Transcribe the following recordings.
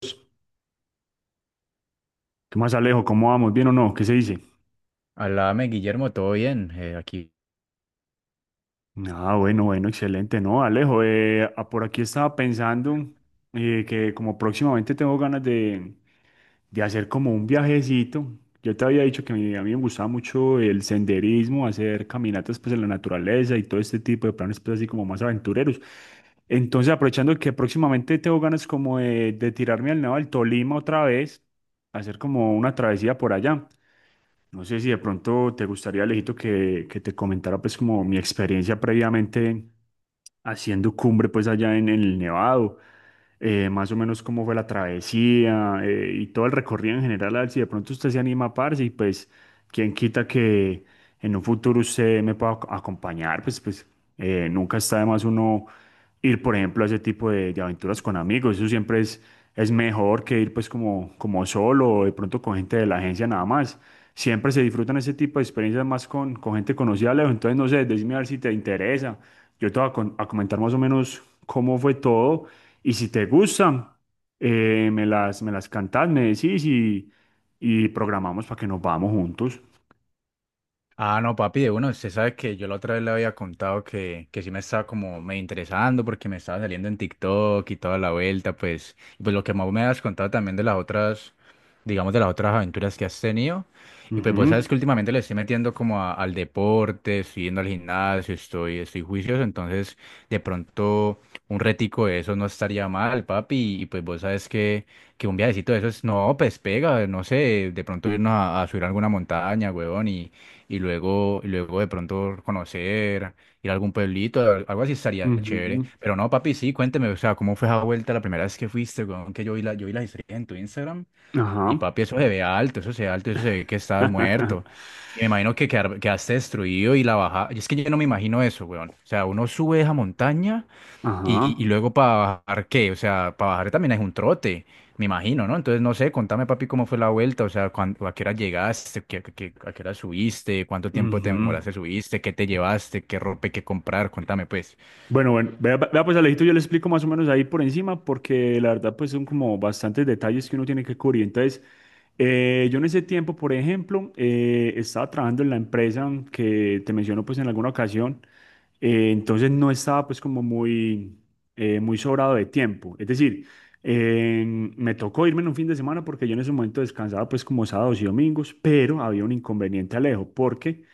¿Qué más, Alejo? ¿Cómo vamos? ¿Bien o no? ¿Qué se dice? Alame, Guillermo, todo bien. Aquí. Ah, bueno, bueno, excelente. No, Alejo, por aquí estaba pensando que como próximamente tengo ganas de hacer como un viajecito. Yo te había dicho que a mí me gustaba mucho el senderismo, hacer caminatas pues en la naturaleza y todo este tipo de planes pues así como más aventureros. Entonces, aprovechando que próximamente tengo ganas como de tirarme al lado del Tolima otra vez, hacer como una travesía por allá. No sé si de pronto te gustaría, Alejito, que te comentara pues como mi experiencia previamente haciendo cumbre pues allá en el Nevado, más o menos cómo fue la travesía, y todo el recorrido en general, a ver si de pronto usted se anima a parce y pues quién quita que en un futuro usted me pueda acompañar, pues nunca está de más uno ir, por ejemplo, a ese tipo de aventuras con amigos, eso siempre es mejor que ir pues como, como solo o de pronto con gente de la agencia nada más. Siempre se disfrutan ese tipo de experiencias más con gente conocida, Leo. Entonces, no sé, decime a ver si te interesa. Yo te voy a comentar más o menos cómo fue todo y si te gustan, me las cantás, me decís y programamos para que nos vamos juntos. Ah, no, papi, uno, usted sabe que yo la otra vez le había contado que sí me estaba como me interesando porque me estaba saliendo en TikTok y toda la vuelta, pues, y pues lo que más me has contado también de las otras, digamos, de las otras aventuras que has tenido. Y pues vos sabes Ujú, que últimamente le estoy metiendo como al deporte, estoy yendo al gimnasio, estoy juicioso, entonces de pronto un retico de eso no estaría mal, papi, y pues vos sabes que un viajecito de esos, no, pues pega, no sé, de pronto irnos a subir a alguna montaña, huevón, y luego de pronto conocer, ir a algún pueblito, algo así estaría chévere. ujú, Pero no, papi, sí, cuénteme, o sea, ¿cómo fue esa vuelta la primera vez que fuiste, weón? Que yo vi yo vi las historias en tu Instagram y ajá. papi, eso se ve alto, eso se ve alto, eso se ve que estás muerto. Y me imagino que quedaste destruido y la baja. Y es que yo no me imagino eso, weón. O sea, uno sube esa montaña. Y Ajá. luego para bajar, ¿qué? O sea, para bajar también es un trote, me imagino, ¿no? Entonces, no sé, contame, papi, cómo fue la vuelta, o sea, a qué hora llegaste. A qué hora subiste, cuánto tiempo te Ujú. demoraste, subiste, qué te llevaste, qué ropa hay que comprar? Contame, pues. Bueno, bueno, vea, vea pues Alejito, yo le explico más o menos ahí por encima, porque la verdad pues son como bastantes detalles que uno tiene que cubrir. Entonces, yo en ese tiempo, por ejemplo, estaba trabajando en la empresa que te menciono pues en alguna ocasión, entonces no estaba pues como muy, muy sobrado de tiempo. Es decir, eh, me tocó irme en un fin de semana porque yo en ese momento descansaba pues como sábados y domingos, pero había un inconveniente, Alejo, porque...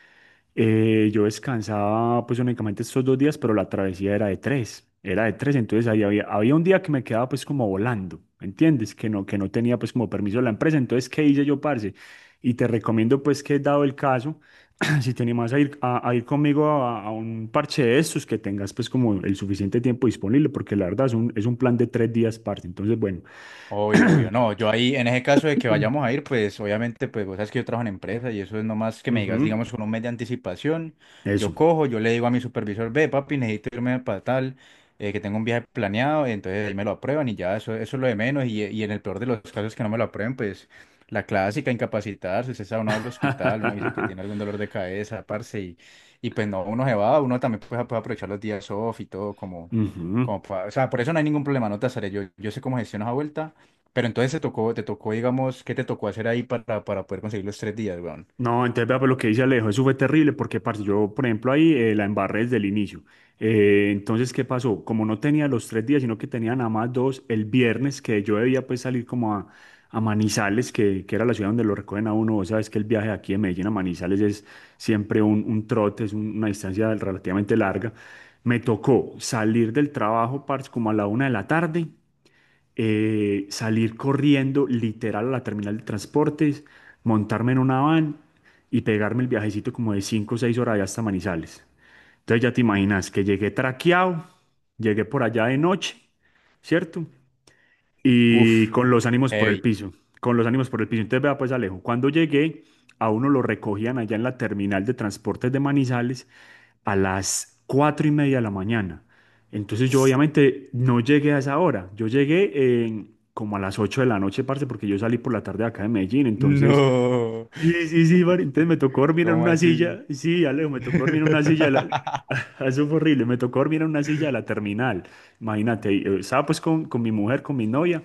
Yo descansaba pues únicamente estos 2 días, pero la travesía era de tres, entonces ahí había un día que me quedaba pues como volando, ¿me entiendes? Que no tenía pues como permiso de la empresa, entonces ¿qué hice yo, parce? Y te recomiendo pues que dado el caso, si te animas a ir, a ir conmigo a un parche de estos, que tengas pues como el suficiente tiempo disponible, porque la verdad es un plan de 3 días, parce, entonces bueno. Obvio, obvio. No, yo ahí, en ese caso de que vayamos a ir, pues obviamente, pues vos sabes que yo trabajo en empresa y eso es nomás que me digas, Ujú. digamos, con un mes de anticipación, Eso. yo cojo, yo le digo a mi supervisor, ve, papi, necesito irme para tal, que tengo un viaje planeado, entonces ahí me lo aprueban y ya, eso es lo de menos. Y en el peor de los casos que no me lo aprueben, pues la clásica, incapacitarse, usted sabe, uno va al hospital, uno dice que tiene algún dolor de cabeza, parce, y pues no, uno se va, uno también pues puede aprovechar los días off y todo, como, Ujú. como, o sea, por eso no hay ningún problema, no te asaré, yo sé cómo gestiono esa vuelta. Pero entonces te tocó, digamos, ¿qué te tocó hacer ahí para poder conseguir los tres días, weón? No, entonces vea pues lo que dice Alejo, eso fue terrible porque, parce, yo, por ejemplo, ahí la embarré desde el inicio. Entonces, ¿qué pasó? Como no tenía los 3 días, sino que tenía nada más dos, el viernes que yo debía pues salir como a Manizales, que era la ciudad donde lo recogen a uno, vos sabes que el viaje de aquí de Medellín a Manizales es siempre un trote, es un- una distancia relativamente larga. Me tocó salir del trabajo, parce, como a la 1 de la tarde, salir corriendo literal a la terminal de transportes, montarme en una van y pegarme el viajecito como de 5 o 6 horas allá hasta Manizales. Entonces ya te imaginas que llegué traqueado, llegué por allá de noche, ¿cierto? Y Uf, con los ánimos por el heavy. piso, con los ánimos por el piso. Entonces, vea pues Alejo, cuando llegué, a uno lo recogían allá en la terminal de transportes de Manizales a las 4:30 de la mañana. Entonces yo obviamente no llegué a esa hora, yo llegué como a las 8 de la noche, parce, porque yo salí por la tarde de acá de Medellín, entonces, No. sí, sí, sí, parce, entonces me tocó dormir en ¿Cómo una así? silla, sí, Alejo, me tocó dormir en una silla, eso fue horrible, me tocó dormir en una silla de la terminal, imagínate, y, estaba pues con mi mujer, con mi novia,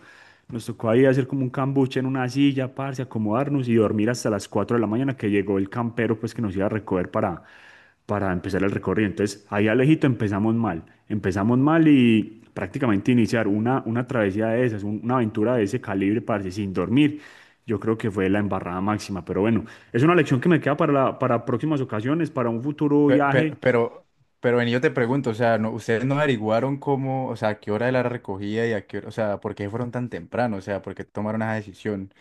nos tocó ahí hacer como un cambuche en una silla, parce, acomodarnos y dormir hasta las 4 de la mañana que llegó el campero, pues que nos iba a recoger para empezar el recorrido. Entonces, ahí Alejito empezamos mal. Empezamos mal y prácticamente iniciar una travesía de esas, un- una aventura de ese calibre, parce, sin dormir. Yo creo que fue la embarrada máxima, pero bueno, es una lección que me queda para, para próximas ocasiones, para un futuro Pe- viaje. Pero, pero, pero, vení, yo te pregunto, o sea, no, ustedes no averiguaron cómo, o sea, a qué hora de la recogida y a qué hora, o sea, por qué fueron tan temprano, o sea, por qué tomaron esa decisión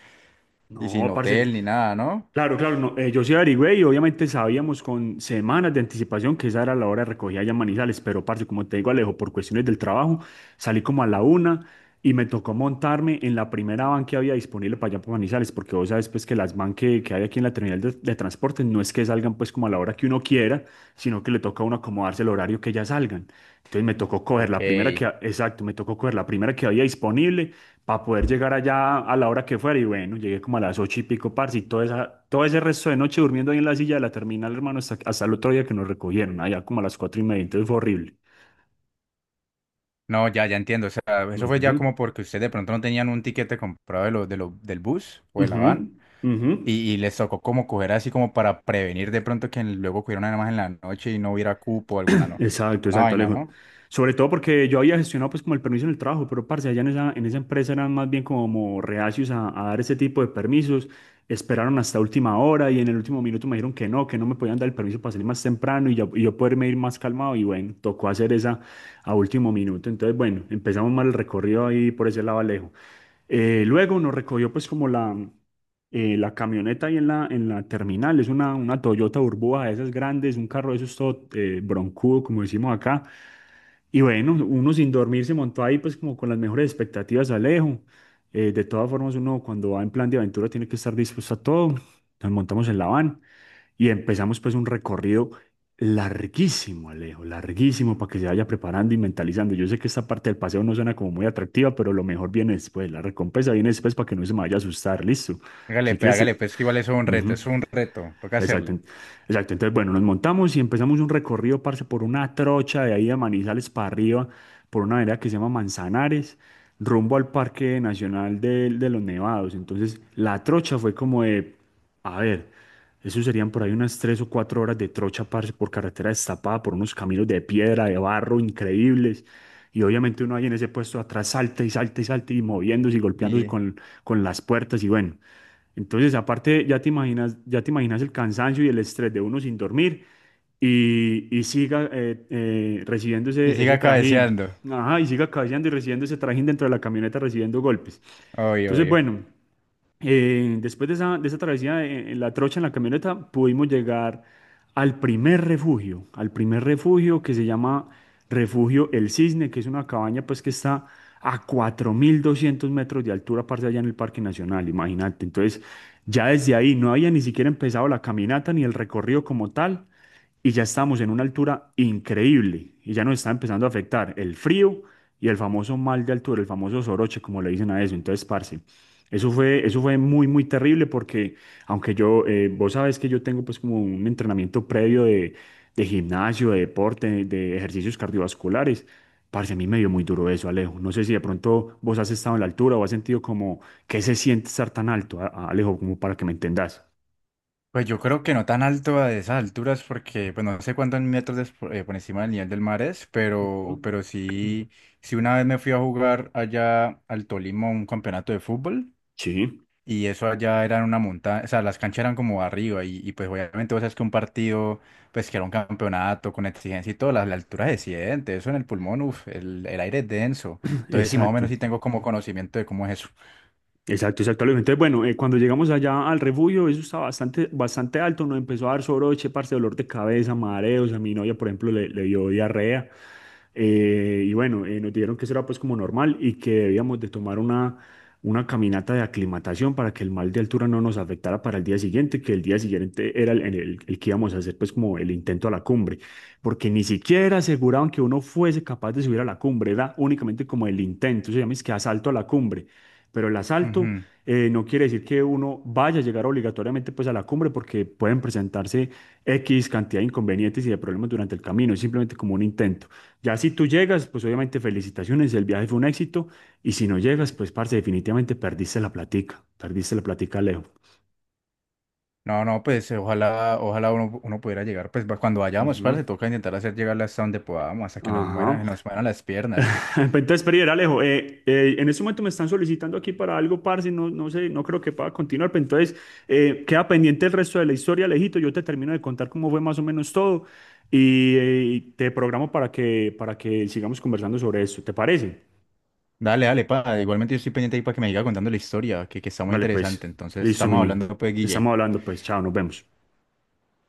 y sin No, parce. hotel ni nada, ¿no? Claro, claro, no, yo sí averigüé y obviamente sabíamos con semanas de anticipación que esa era la hora de recogida allá en Manizales, pero parce, como te digo Alejo, por cuestiones del trabajo salí como a la 1 y me tocó montarme en la primera van que había disponible para allá por Manizales, porque vos sabes pues que las van que hay aquí en la terminal de transporte no es que salgan pues como a la hora que uno quiera, sino que le toca a uno acomodarse el horario que ya salgan. Entonces me tocó coger Ok. la primera exacto, me tocó coger la primera que había disponible para poder llegar allá a la hora que fuera. Y bueno, llegué como a las 8 y pico, parce, y toda esa, todo ese resto de noche durmiendo ahí en la silla de la terminal, hermano, hasta el otro día que nos recogieron, allá como a las 4:30, entonces fue horrible. No, ya, ya entiendo, o sea, eso fue Ujú, ya como porque ustedes de pronto no tenían un tiquete comprado de lo, del bus o de la ujú, van. ujú. Y les tocó como coger así como para prevenir de pronto que luego cogiera una más en la noche y no hubiera cupo o alguna, no, Exacto, alguna exacto, vaina, Alejo. ¿no? Sobre todo porque yo había gestionado pues como el permiso en el trabajo, pero parce, allá en esa, empresa eran más bien como reacios a dar ese tipo de permisos. Esperaron hasta última hora y en el último minuto me dijeron que no, me podían dar el permiso para salir más temprano y yo poderme ir más calmado. Y bueno, tocó hacer esa a último minuto. Entonces, bueno, empezamos mal el recorrido ahí por ese lado, Alejo. Luego nos recogió pues como la camioneta ahí en la, terminal, es una Toyota Urboa de esas grandes, un carro de esos todo broncudo, como decimos acá. Y bueno, uno sin dormir se montó ahí pues como con las mejores expectativas, Alejo. De todas formas, uno cuando va en plan de aventura tiene que estar dispuesto a todo. Nos montamos en la van y empezamos pues un recorrido larguísimo, Alejo, larguísimo para que se vaya preparando y mentalizando. Yo sé que esta parte del paseo no suena como muy atractiva, pero lo mejor viene después, la recompensa viene después para que no se me vaya a asustar, listo. Si crees, Hágale, pues que igual eso ujú. es un reto, toca Exacto, hacerle. Exacto. Entonces, bueno, nos montamos y empezamos un recorrido, parce, por una trocha de ahí de Manizales para arriba, por una vereda que se llama Manzanares, rumbo al Parque Nacional de los Nevados. Entonces, la trocha fue como de, a ver, eso serían por ahí unas 3 o 4 horas de trocha, parce, por carretera destapada, por unos caminos de piedra, de barro increíbles. Y obviamente uno ahí en ese puesto atrás salta y salta y salta y moviéndose y golpeándose Y, con las puertas y bueno. Entonces, aparte, ya te imaginas el cansancio y el estrés de uno sin dormir y siga recibiendo y ese siga trajín. cabeceando, Ajá, y siga cabeceando y recibiendo ese trajín dentro de la camioneta, recibiendo golpes. obvio, Entonces, obvio. bueno. Después de esa travesía en la trocha, en la camioneta, pudimos llegar al primer refugio que se llama Refugio El Cisne, que es una cabaña pues que está a 4200 metros de altura, parce, allá en el Parque Nacional, imagínate. Entonces, ya desde ahí no había ni siquiera empezado la caminata ni el recorrido como tal, y ya estamos en una altura increíble, y ya nos está empezando a afectar el frío y el famoso mal de altura, el famoso soroche, como le dicen a eso. Entonces, parce. Eso fue muy, muy terrible porque, aunque yo, vos sabes que yo tengo pues como un entrenamiento previo de gimnasio, de deporte, de ejercicios cardiovasculares, parce, a mí me dio muy duro eso, Alejo. No sé si de pronto vos has estado en la altura o has sentido como que se siente estar tan alto, Alejo, como para que me entendas. Pues yo creo que no tan alto a esas alturas porque, pues no sé cuántos metros por encima del nivel del mar es, Ujú. pero sí, sí una vez me fui a jugar allá al Tolima un campeonato de fútbol. Sí. Y eso allá era en una montaña, o sea, las canchas eran como arriba y pues obviamente vos sabes que un partido, pues que era un campeonato con exigencia y todo, la altura se siente, eso en el pulmón, uf, el aire es denso. Entonces sí, más o menos Exacto. sí tengo como conocimiento de cómo es eso. Exacto, exacto. Alejo. Entonces, bueno, cuando llegamos allá al refugio, eso estaba bastante, bastante alto, nos empezó a dar soroche, parce, dolor de cabeza, mareos, a mi novia, por ejemplo, le dio diarrea. Y bueno, nos dijeron que eso era pues como normal y que debíamos de tomar una caminata de aclimatación para que el mal de altura no nos afectara para el día siguiente, que el día siguiente era el que íbamos a hacer pues como el intento a la cumbre, porque ni siquiera aseguraban que uno fuese capaz de subir a la cumbre, era únicamente como el intento, se llama es que asalto a la cumbre, pero el asalto, Ujú. No quiere decir que uno vaya a llegar obligatoriamente pues a la cumbre porque pueden presentarse X cantidad de inconvenientes y de problemas durante el camino, es simplemente como un intento. Ya si tú llegas, pues obviamente felicitaciones, el viaje fue un éxito y si no llegas, pues parce, definitivamente perdiste la platica, Leo. No, no, pues ojalá, ojalá uno, uno pudiera llegar, pues cuando vayamos, para, Ujú. se toca intentar hacer llegar hasta donde podamos, hasta que nos Ajá. muera, nos mueran las piernas. Entonces, Perider, Alejo, en este momento me están solicitando aquí para algo, parce, no, no sé, no creo que pueda continuar, pero entonces queda pendiente el resto de la historia, Alejito, yo te termino de contar cómo fue más o menos todo y te programo para que sigamos conversando sobre esto, ¿te parece? Dale, dale, pa, igualmente yo estoy pendiente ahí para que me siga contando la historia, que está muy Vale, interesante. pues, Entonces listo, mi estamos niño, hablando pues, Guille. estamos hablando, pues, chao, nos vemos.